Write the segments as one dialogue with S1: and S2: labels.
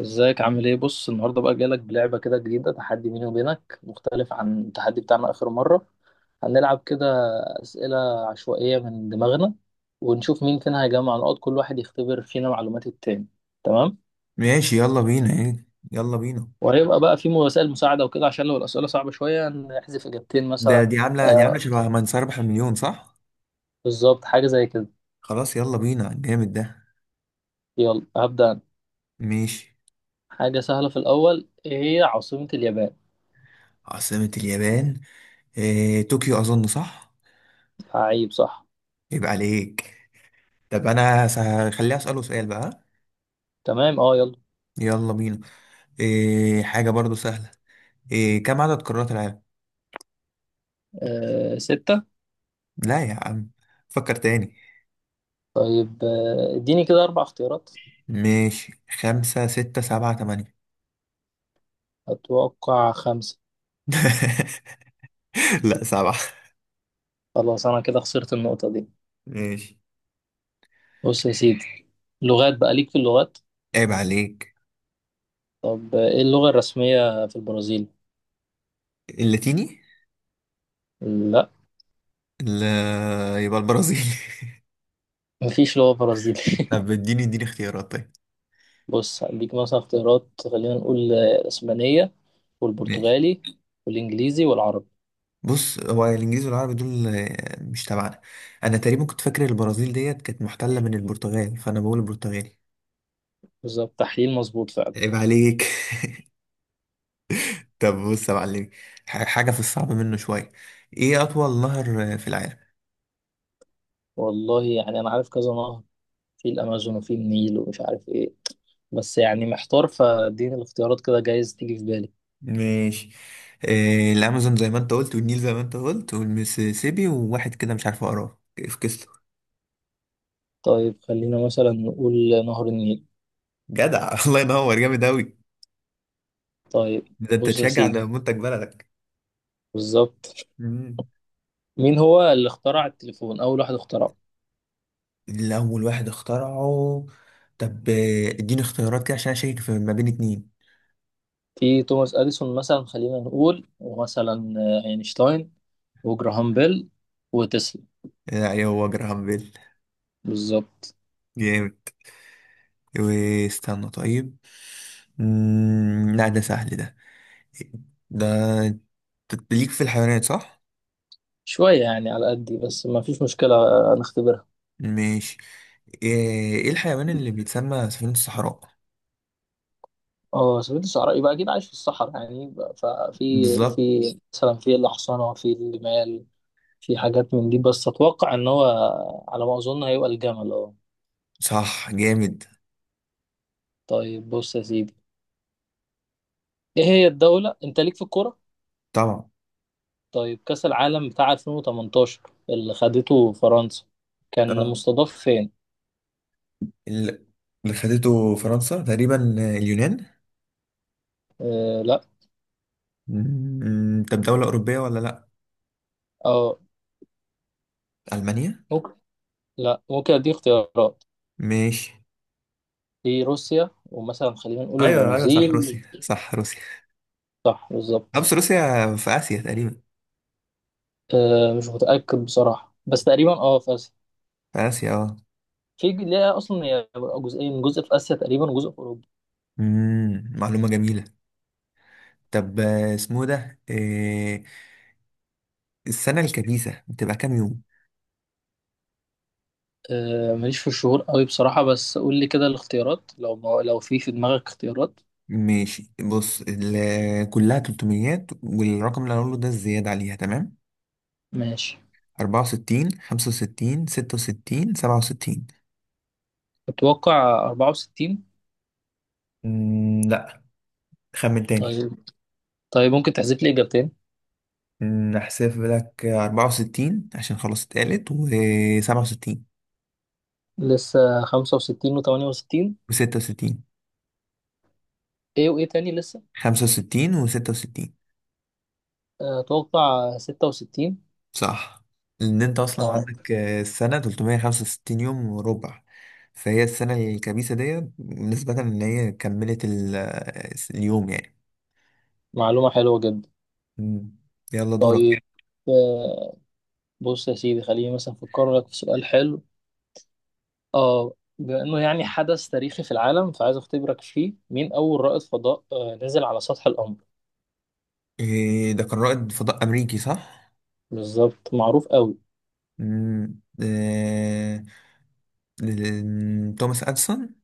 S1: ازيك عامل ايه؟ بص، النهارده بقى جالك بلعبه كده جديده، تحدي بيني وبينك مختلف عن التحدي بتاعنا اخر مره. هنلعب كده اسئله عشوائيه من دماغنا، ونشوف مين فينا هيجمع نقاط. كل واحد يختبر فينا معلومات التاني. تمام.
S2: ماشي، يلا بينا. ايه يلا بينا؟
S1: وهيبقى بقى في وسائل مساعده وكده، عشان لو الاسئله صعبه شويه نحذف اجابتين
S2: ده
S1: مثلا.
S2: دي عاملة دي عاملة
S1: آه،
S2: شبه من سيربح المليون، صح؟
S1: بالظبط حاجه زي كده.
S2: خلاص، يلا بينا. جامد ده.
S1: يلا هبدا انا.
S2: ماشي.
S1: حاجه سهله في الاول، ايه هي عاصمه اليابان؟
S2: عاصمة اليابان؟ إيه، طوكيو أظن صح؟
S1: عيب، صح.
S2: يبقى عليك. طب أنا هخليها أسأله، سؤال بقى.
S1: تمام، اه يلا.
S2: يلا بينا. إيه، حاجة برضو سهلة. إيه كم عدد قارات العالم؟
S1: آه ستة.
S2: لا يا عم، فكر تاني.
S1: طيب، اديني كده أربع اختيارات.
S2: ماشي، خمسة، ستة، سبعة، تمانية.
S1: أتوقع خمسة.
S2: لا، سبعة.
S1: خلاص، أنا كده خسرت النقطة دي.
S2: ماشي.
S1: بص يا سيدي، لغات، بقى ليك في اللغات.
S2: عيب عليك.
S1: طب، إيه اللغة الرسمية في البرازيل؟
S2: اللاتيني؟
S1: لا.
S2: لا. يبقى البرازيل؟
S1: مفيش لغة برازيلي
S2: طب اديني اختيارات. طيب
S1: بص، هديك مثلا اختيارات. خلينا نقول الإسبانية،
S2: ماشي.
S1: والبرتغالي، والإنجليزي والعربي.
S2: بص، هو الانجليز والعربي دول مش تبعنا. انا تقريبا كنت فاكر البرازيل ديت كانت محتله من البرتغال، فانا بقول البرتغالي.
S1: بالظبط، تحليل مظبوط فعلا.
S2: عيب عليك. طب بص يا معلمي، حاجه في الصعب منه شويه. ايه اطول نهر في العالم؟
S1: والله يعني أنا عارف كذا نهر، في الأمازون وفي النيل ومش عارف إيه، بس يعني محتار، فاديني الاختيارات كده جايز تيجي في بالي.
S2: ماشي. الامازون زي ما انت قلت، والنيل زي ما انت قلت، والميسيسيبي، وواحد كده مش عارف اقراه في كسله.
S1: طيب خلينا مثلا نقول نهر النيل.
S2: جدع. الله ينور، جامد اوي.
S1: طيب
S2: ده انت
S1: بص يا
S2: تشجع
S1: سيدي،
S2: على منتج بلدك.
S1: بالظبط.
S2: مم.
S1: مين هو اللي اخترع التليفون، أول واحد اخترعه؟
S2: اللي أول واحد اخترعه. طب، اديني اختيارات كده عشان أشيك في ما بين اتنين.
S1: في توماس أديسون مثلا، خلينا نقول، ومثلا أينشتاين، وجراهام بيل، وتسلا.
S2: لا، هو جراهام بيل.
S1: بالظبط.
S2: جامد. واستنى. طيب. لا ده سهل ده. ده أنت ليك في الحيوانات، صح؟
S1: شوية يعني على قدي، بس ما فيش مشكلة، نختبرها.
S2: ماشي. ايه إيه الحيوان اللي بيتسمى سفينة الصحراء؟
S1: اه، سفينة الصحراء يبقى أكيد عايش في الصحراء، يعني يبقى- ففي
S2: بالظبط.
S1: في مثلا في الأحصنة، في الجمال، في حاجات من دي، بس أتوقع إن هو على ما أظن هيبقى الجمل، اه.
S2: صح، جامد.
S1: طيب بص يا سيدي، ايه هي الدولة، انت ليك في الكورة.
S2: طبعا.
S1: طيب كأس العالم بتاع 2018 اللي خدته فرنسا كان
S2: اه،
S1: مستضاف فين؟
S2: ال- اللي خدته فرنسا تقريبا، اليونان.
S1: آه لا.
S2: طب دولة أوروبية ولا لأ؟
S1: اه
S2: ألمانيا.
S1: ممكن. لا، ممكن اديك اختيارات.
S2: ماشي.
S1: في روسيا، ومثلا خلينا نقول
S2: ايوه ايوه، صح
S1: البرازيل.
S2: روسيا، صح روسيا.
S1: صح، بالظبط.
S2: خمس روسيا. في اسيا تقريبا.
S1: آه، مش متأكد بصراحة، بس تقريبا اه في اسيا.
S2: في اسيا، اه.
S1: ليها اصلا هي جزئين، جزء في اسيا تقريبا وجزء في اوروبا.
S2: معلومه جميله. طب، اسمه ده إيه؟ السنه الكبيسه بتبقى كام يوم؟
S1: آه، ماليش في الشهور قوي بصراحة، بس قول لي كده الاختيارات، لو ما لو في دماغك اختيارات.
S2: ماشي، بص كلها 300، والرقم اللي هقوله ده الزياده عليها، تمام؟
S1: ماشي.
S2: 64، 65، 66، 67.
S1: اتوقع 64.
S2: لا، خمن تاني.
S1: طيب. طيب ممكن تحذف لي إجابتين.
S2: هحسب لك 64 عشان خلاص اتقالت، و67.
S1: لسه خمسة وستين وتمانية وستين.
S2: و66.
S1: إيه وإيه تاني لسه؟
S2: 65 و66.
S1: آه، أتوقع ستة وستين.
S2: صح. لان انت اصلا
S1: أه.
S2: عندك السنه 365 يوم وربع. فهي السنه الكبيسه دي نسبه ان هي كملت اليوم يعني.
S1: معلومة حلوة جدا.
S2: مم. يلا دورك.
S1: طيب، آه، بص يا سيدي، خليني مثلا أفكر لك في سؤال حلو. أه، بما إنه يعني حدث تاريخي في العالم، فعايز أختبرك فيه. مين أول رائد فضاء نزل على سطح القمر؟
S2: إيه ده؟ كان رائد فضاء امريكي، صح.
S1: بالظبط، معروف قوي.
S2: مم. توماس اديسون.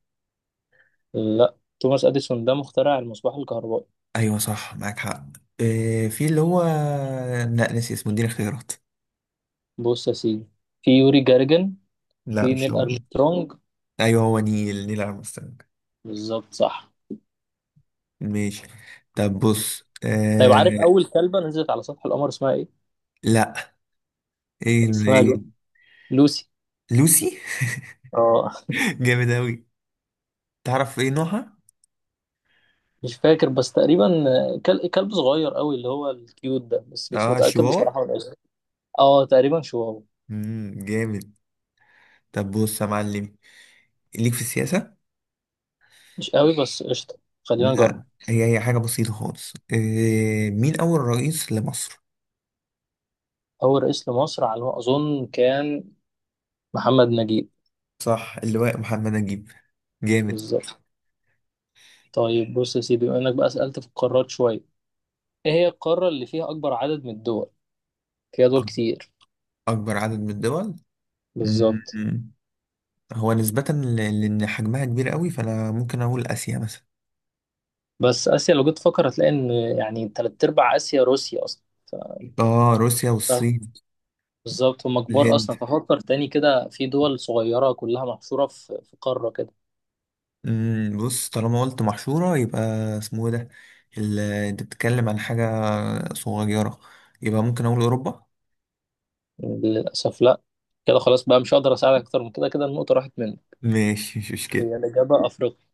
S1: لا، توماس أديسون ده مخترع المصباح الكهربائي.
S2: ايوه صح، معاك حق. إيه في اللي هو، لا ناسي اسمه، اديني اختيارات.
S1: بص يا سيدي، في يوري جارجن،
S2: لا
S1: في
S2: مش
S1: نيل
S2: هو ده.
S1: أرمسترونج.
S2: ايوه، هو نيل ارمسترونج.
S1: بالظبط، صح.
S2: ماشي. طب بص.
S1: طيب، عارف اول كلبه نزلت على سطح القمر اسمها ايه؟
S2: لا،
S1: اسمها
S2: ايه؟
S1: لوسي.
S2: لوسي.
S1: اه.
S2: جامد اوي. تعرف ايه نوعها؟
S1: مش فاكر بس تقريبا كلب صغير قوي، اللي هو الكيوت ده، بس مش
S2: اه،
S1: متاكد
S2: شيواوا.
S1: بصراحه من اسمه. اه تقريبا شواو.
S2: جامد. طب بص يا معلم، ليك في السياسة.
S1: مش قوي بس قشطه، خلينا
S2: لا،
S1: نجرب.
S2: هي حاجة بسيطة خالص. إيه مين أول رئيس لمصر؟
S1: اول رئيس لمصر على ما اظن كان محمد نجيب.
S2: صح، اللواء محمد نجيب. جامد.
S1: بالظبط. طيب بص يا سيدي، بما انك بقى سالت في القارات شويه، ايه هي القاره اللي فيها اكبر عدد من الدول؟ فيها دول
S2: أك-
S1: كتير.
S2: أكبر عدد من الدول.
S1: بالظبط.
S2: مم. هو نسبة لأن حجمها كبير قوي، فأنا ممكن أقول آسيا مثلا.
S1: بس اسيا لو جيت تفكر هتلاقي ان، يعني تلات ارباع اسيا روسيا اصلا.
S2: اه، روسيا والصين
S1: بالظبط هم كبار
S2: والهند.
S1: اصلا، ففكر تاني كده في دول صغيره كلها محشوره في قاره كده.
S2: بص، طالما قلت محشورة يبقى اسمه ايه ده، انت بتتكلم عن حاجة صغيرة، يبقى ممكن اقول اوروبا.
S1: للاسف لا. كده خلاص بقى مش هقدر اساعدك اكتر من كده، كده النقطه راحت منك.
S2: ماشي، مش مشكلة.
S1: هي الاجابه افريقيا.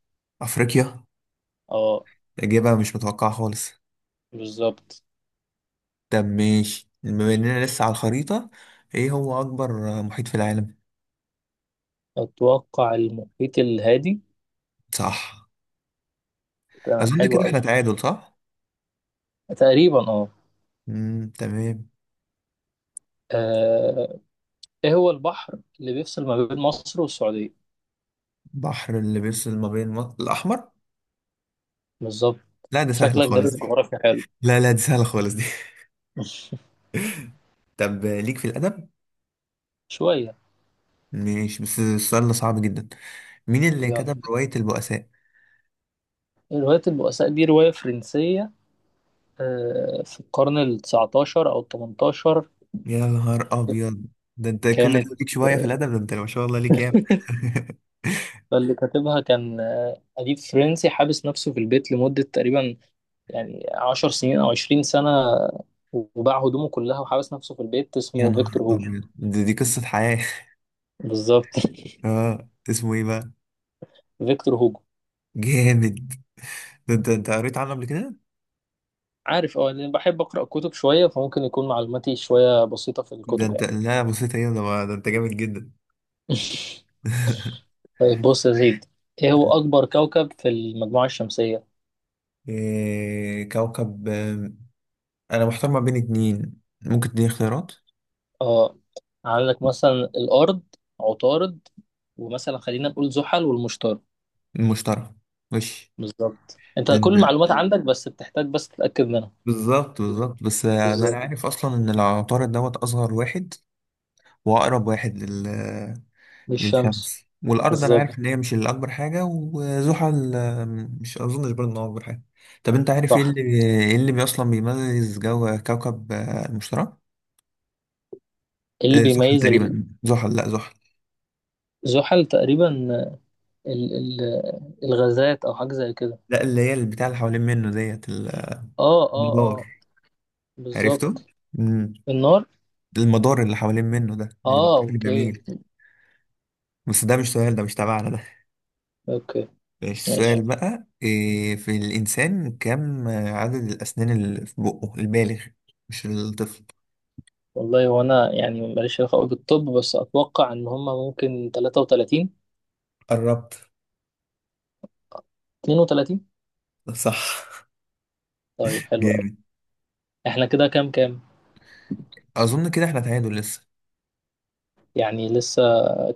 S2: افريقيا.
S1: اه.
S2: اجابة مش متوقعة خالص.
S1: بالظبط.
S2: طب ماشي، بما اننا لسه على الخريطة، ايه هو اكبر محيط في العالم؟
S1: اتوقع المحيط الهادي.
S2: صح.
S1: تمام
S2: اظن
S1: حلو
S2: كده احنا
S1: قوي.
S2: تعادل، صح.
S1: تقريبا اه.
S2: تمام.
S1: آه، ايه هو البحر اللي بيفصل ما بين مصر والسعوديه؟
S2: بحر اللي بيفصل ما بين مصر، الاحمر.
S1: بالظبط.
S2: لا، ده سهلة
S1: شكلك
S2: خالص
S1: دارس
S2: دي.
S1: جغرافيا حلو.
S2: لا لا، دي سهلة خالص دي. طب، ليك في الادب؟
S1: شويه.
S2: ماشي، بس السؤال ده صعب جدا. مين اللي
S1: يلا.
S2: كتب رواية البؤساء؟
S1: رواية البؤساء دي رواية فرنسية، في القرن ال 19 أو ال 18
S2: يا نهار أبيض، ده أنت كل
S1: كانت.
S2: ده ليك شوية في الأدب؟ ده أنت ما شاء الله ليك ياما.
S1: اللي كاتبها كان أديب فرنسي حابس نفسه في البيت لمدة تقريبا يعني عشر سنين أو عشرين سنة، وباع هدومه كلها وحابس نفسه في البيت،
S2: يا
S1: اسمه
S2: نهار
S1: فيكتور هوجو.
S2: أبيض، دي قصة حياة.
S1: بالظبط
S2: اه، اسمه إيه بقى؟
S1: فيكتور هوجو.
S2: جامد. ده أنت قريت عنه قبل كده؟
S1: عارف، اه، لأن بحب أقرأ كتب شوية، فممكن يكون معلوماتي شوية بسيطة في
S2: ده
S1: الكتب
S2: أنت،
S1: يعني.
S2: لا بصيت هنا، ده أنت جامد جدا.
S1: طيب بص يا زيد، إيه هو أكبر كوكب في المجموعة الشمسية؟
S2: إيه كوكب، أنا محتار ما بين اتنين، ممكن تديني اختيارات؟
S1: اه. عندك مثلا الأرض، عطارد، ومثلا خلينا نقول زحل والمشتري.
S2: المشتري. ماشي.
S1: بالظبط، انت كل
S2: لأن
S1: المعلومات عندك، بس بتحتاج بس تتأكد منها.
S2: بالظبط بالظبط، بس ده انا
S1: بالظبط.
S2: عارف اصلا ان العطارد دوت اصغر واحد. واقرب واحد
S1: دي الشمس.
S2: للشمس والارض. انا
S1: بالظبط
S2: عارف ان هي مش الاكبر حاجه، وزحل مش اظنش برضه ان هو اكبر حاجه. طب انت عارف ايه
S1: صح.
S2: اللي ايه اللي اصلا بيميز جو كوكب المشتري؟
S1: إيه اللي
S2: زحل،
S1: بيميز؟
S2: تقريبا زحل، لا زحل.
S1: الزحل تقريبا، ال الغازات او حاجة زي كده.
S2: لا، اللي هي البتاع اللي حوالين منه ديت
S1: اه اه
S2: المدار.
S1: اه.
S2: عرفته.
S1: بالظبط.
S2: مم.
S1: النار.
S2: المدار اللي حوالين منه ده اللي
S1: اه
S2: بشكل
S1: اوكي.
S2: جميل. بس ده مش سؤال، ده مش تبعنا.
S1: اوكي.
S2: ماشي، السؤال
S1: ماشي.
S2: بقى إيه؟ في الإنسان، كم عدد الأسنان اللي في بقه البالغ؟ مش الطفل.
S1: والله وانا يعني ماليش علاقة قوي بالطب، بس اتوقع ان هما ممكن 33.
S2: قربت.
S1: 32.
S2: صح،
S1: طيب حلو قوي.
S2: جامد.
S1: احنا كده كام كام؟
S2: أظن كده إحنا تعادل لسه.
S1: يعني لسه.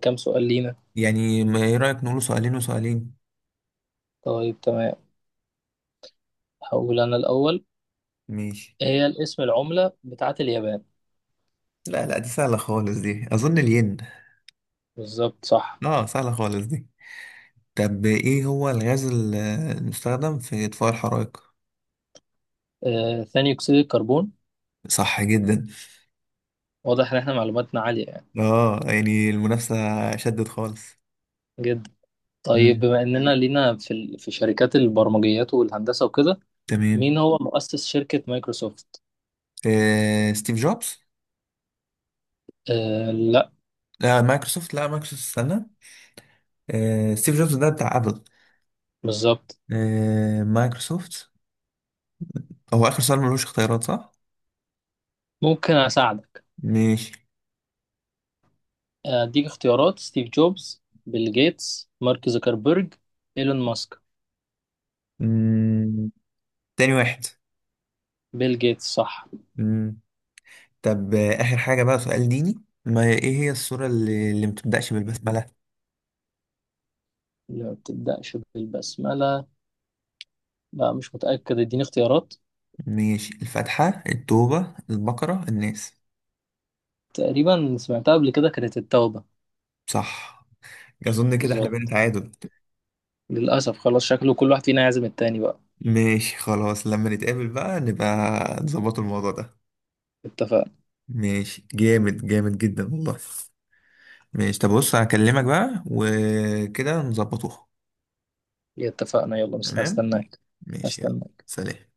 S1: كام سؤال لينا؟
S2: يعني، ما إيه رأيك نقوله سؤالين وسؤالين؟
S1: طيب تمام. هقول انا الاول.
S2: ماشي.
S1: هي الاسم العملة بتاعت اليابان؟
S2: لا لا، دي سهلة خالص دي، أظن الين.
S1: بالظبط صح.
S2: آه، سهلة خالص دي. طب إيه هو الغاز المستخدم في إطفاء الحرائق؟
S1: ثاني أكسيد الكربون.
S2: صح جدا.
S1: واضح إن إحنا معلوماتنا عالية يعني.
S2: يعني المنافسة شدت خالص.
S1: جدا. طيب،
S2: مم.
S1: بما إننا لينا في في شركات البرمجيات والهندسة وكده،
S2: تمام.
S1: مين هو مؤسس شركة مايكروسوفت؟
S2: ستيف جوبز.
S1: آه لا.
S2: مايكروسوفت، لا مايكروسوفت استنى. ستيف جوبز ده بتاع ابل.
S1: بالظبط.
S2: مايكروسوفت. هو اخر سؤال ملوش اختيارات، صح؟
S1: ممكن أساعدك.
S2: ماشي.
S1: أديك اختيارات: ستيف جوبز، بيل جيتس، مارك زوكربيرج، إيلون ماسك.
S2: مم. تاني واحد.
S1: بيل جيتس، صح.
S2: مم. طب، اخر حاجة، بقى سؤال ديني. ما ايه هي السورة اللي ما بتبدأش بالبسملة؟
S1: ما بتبدأش بالبسملة. لا مش متأكد، اديني اختيارات.
S2: ماشي، الفاتحة، التوبة، البقرة، الناس.
S1: تقريبا سمعتها قبل كده، كانت التوبة.
S2: صح. اظن كده احنا بقينا
S1: بالظبط.
S2: تعادل.
S1: للأسف خلاص، شكله كل واحد فينا يعزم التاني بقى.
S2: ماشي خلاص، لما نتقابل بقى نبقى نظبط الموضوع ده.
S1: اتفقنا.
S2: ماشي، جامد، جامد جدا والله. ماشي، طب بص هكلمك بقى وكده نظبطوها.
S1: اتفقنا يلا، بس
S2: تمام.
S1: هستناك.
S2: ماشي، يلا.
S1: هستناك.
S2: سلام.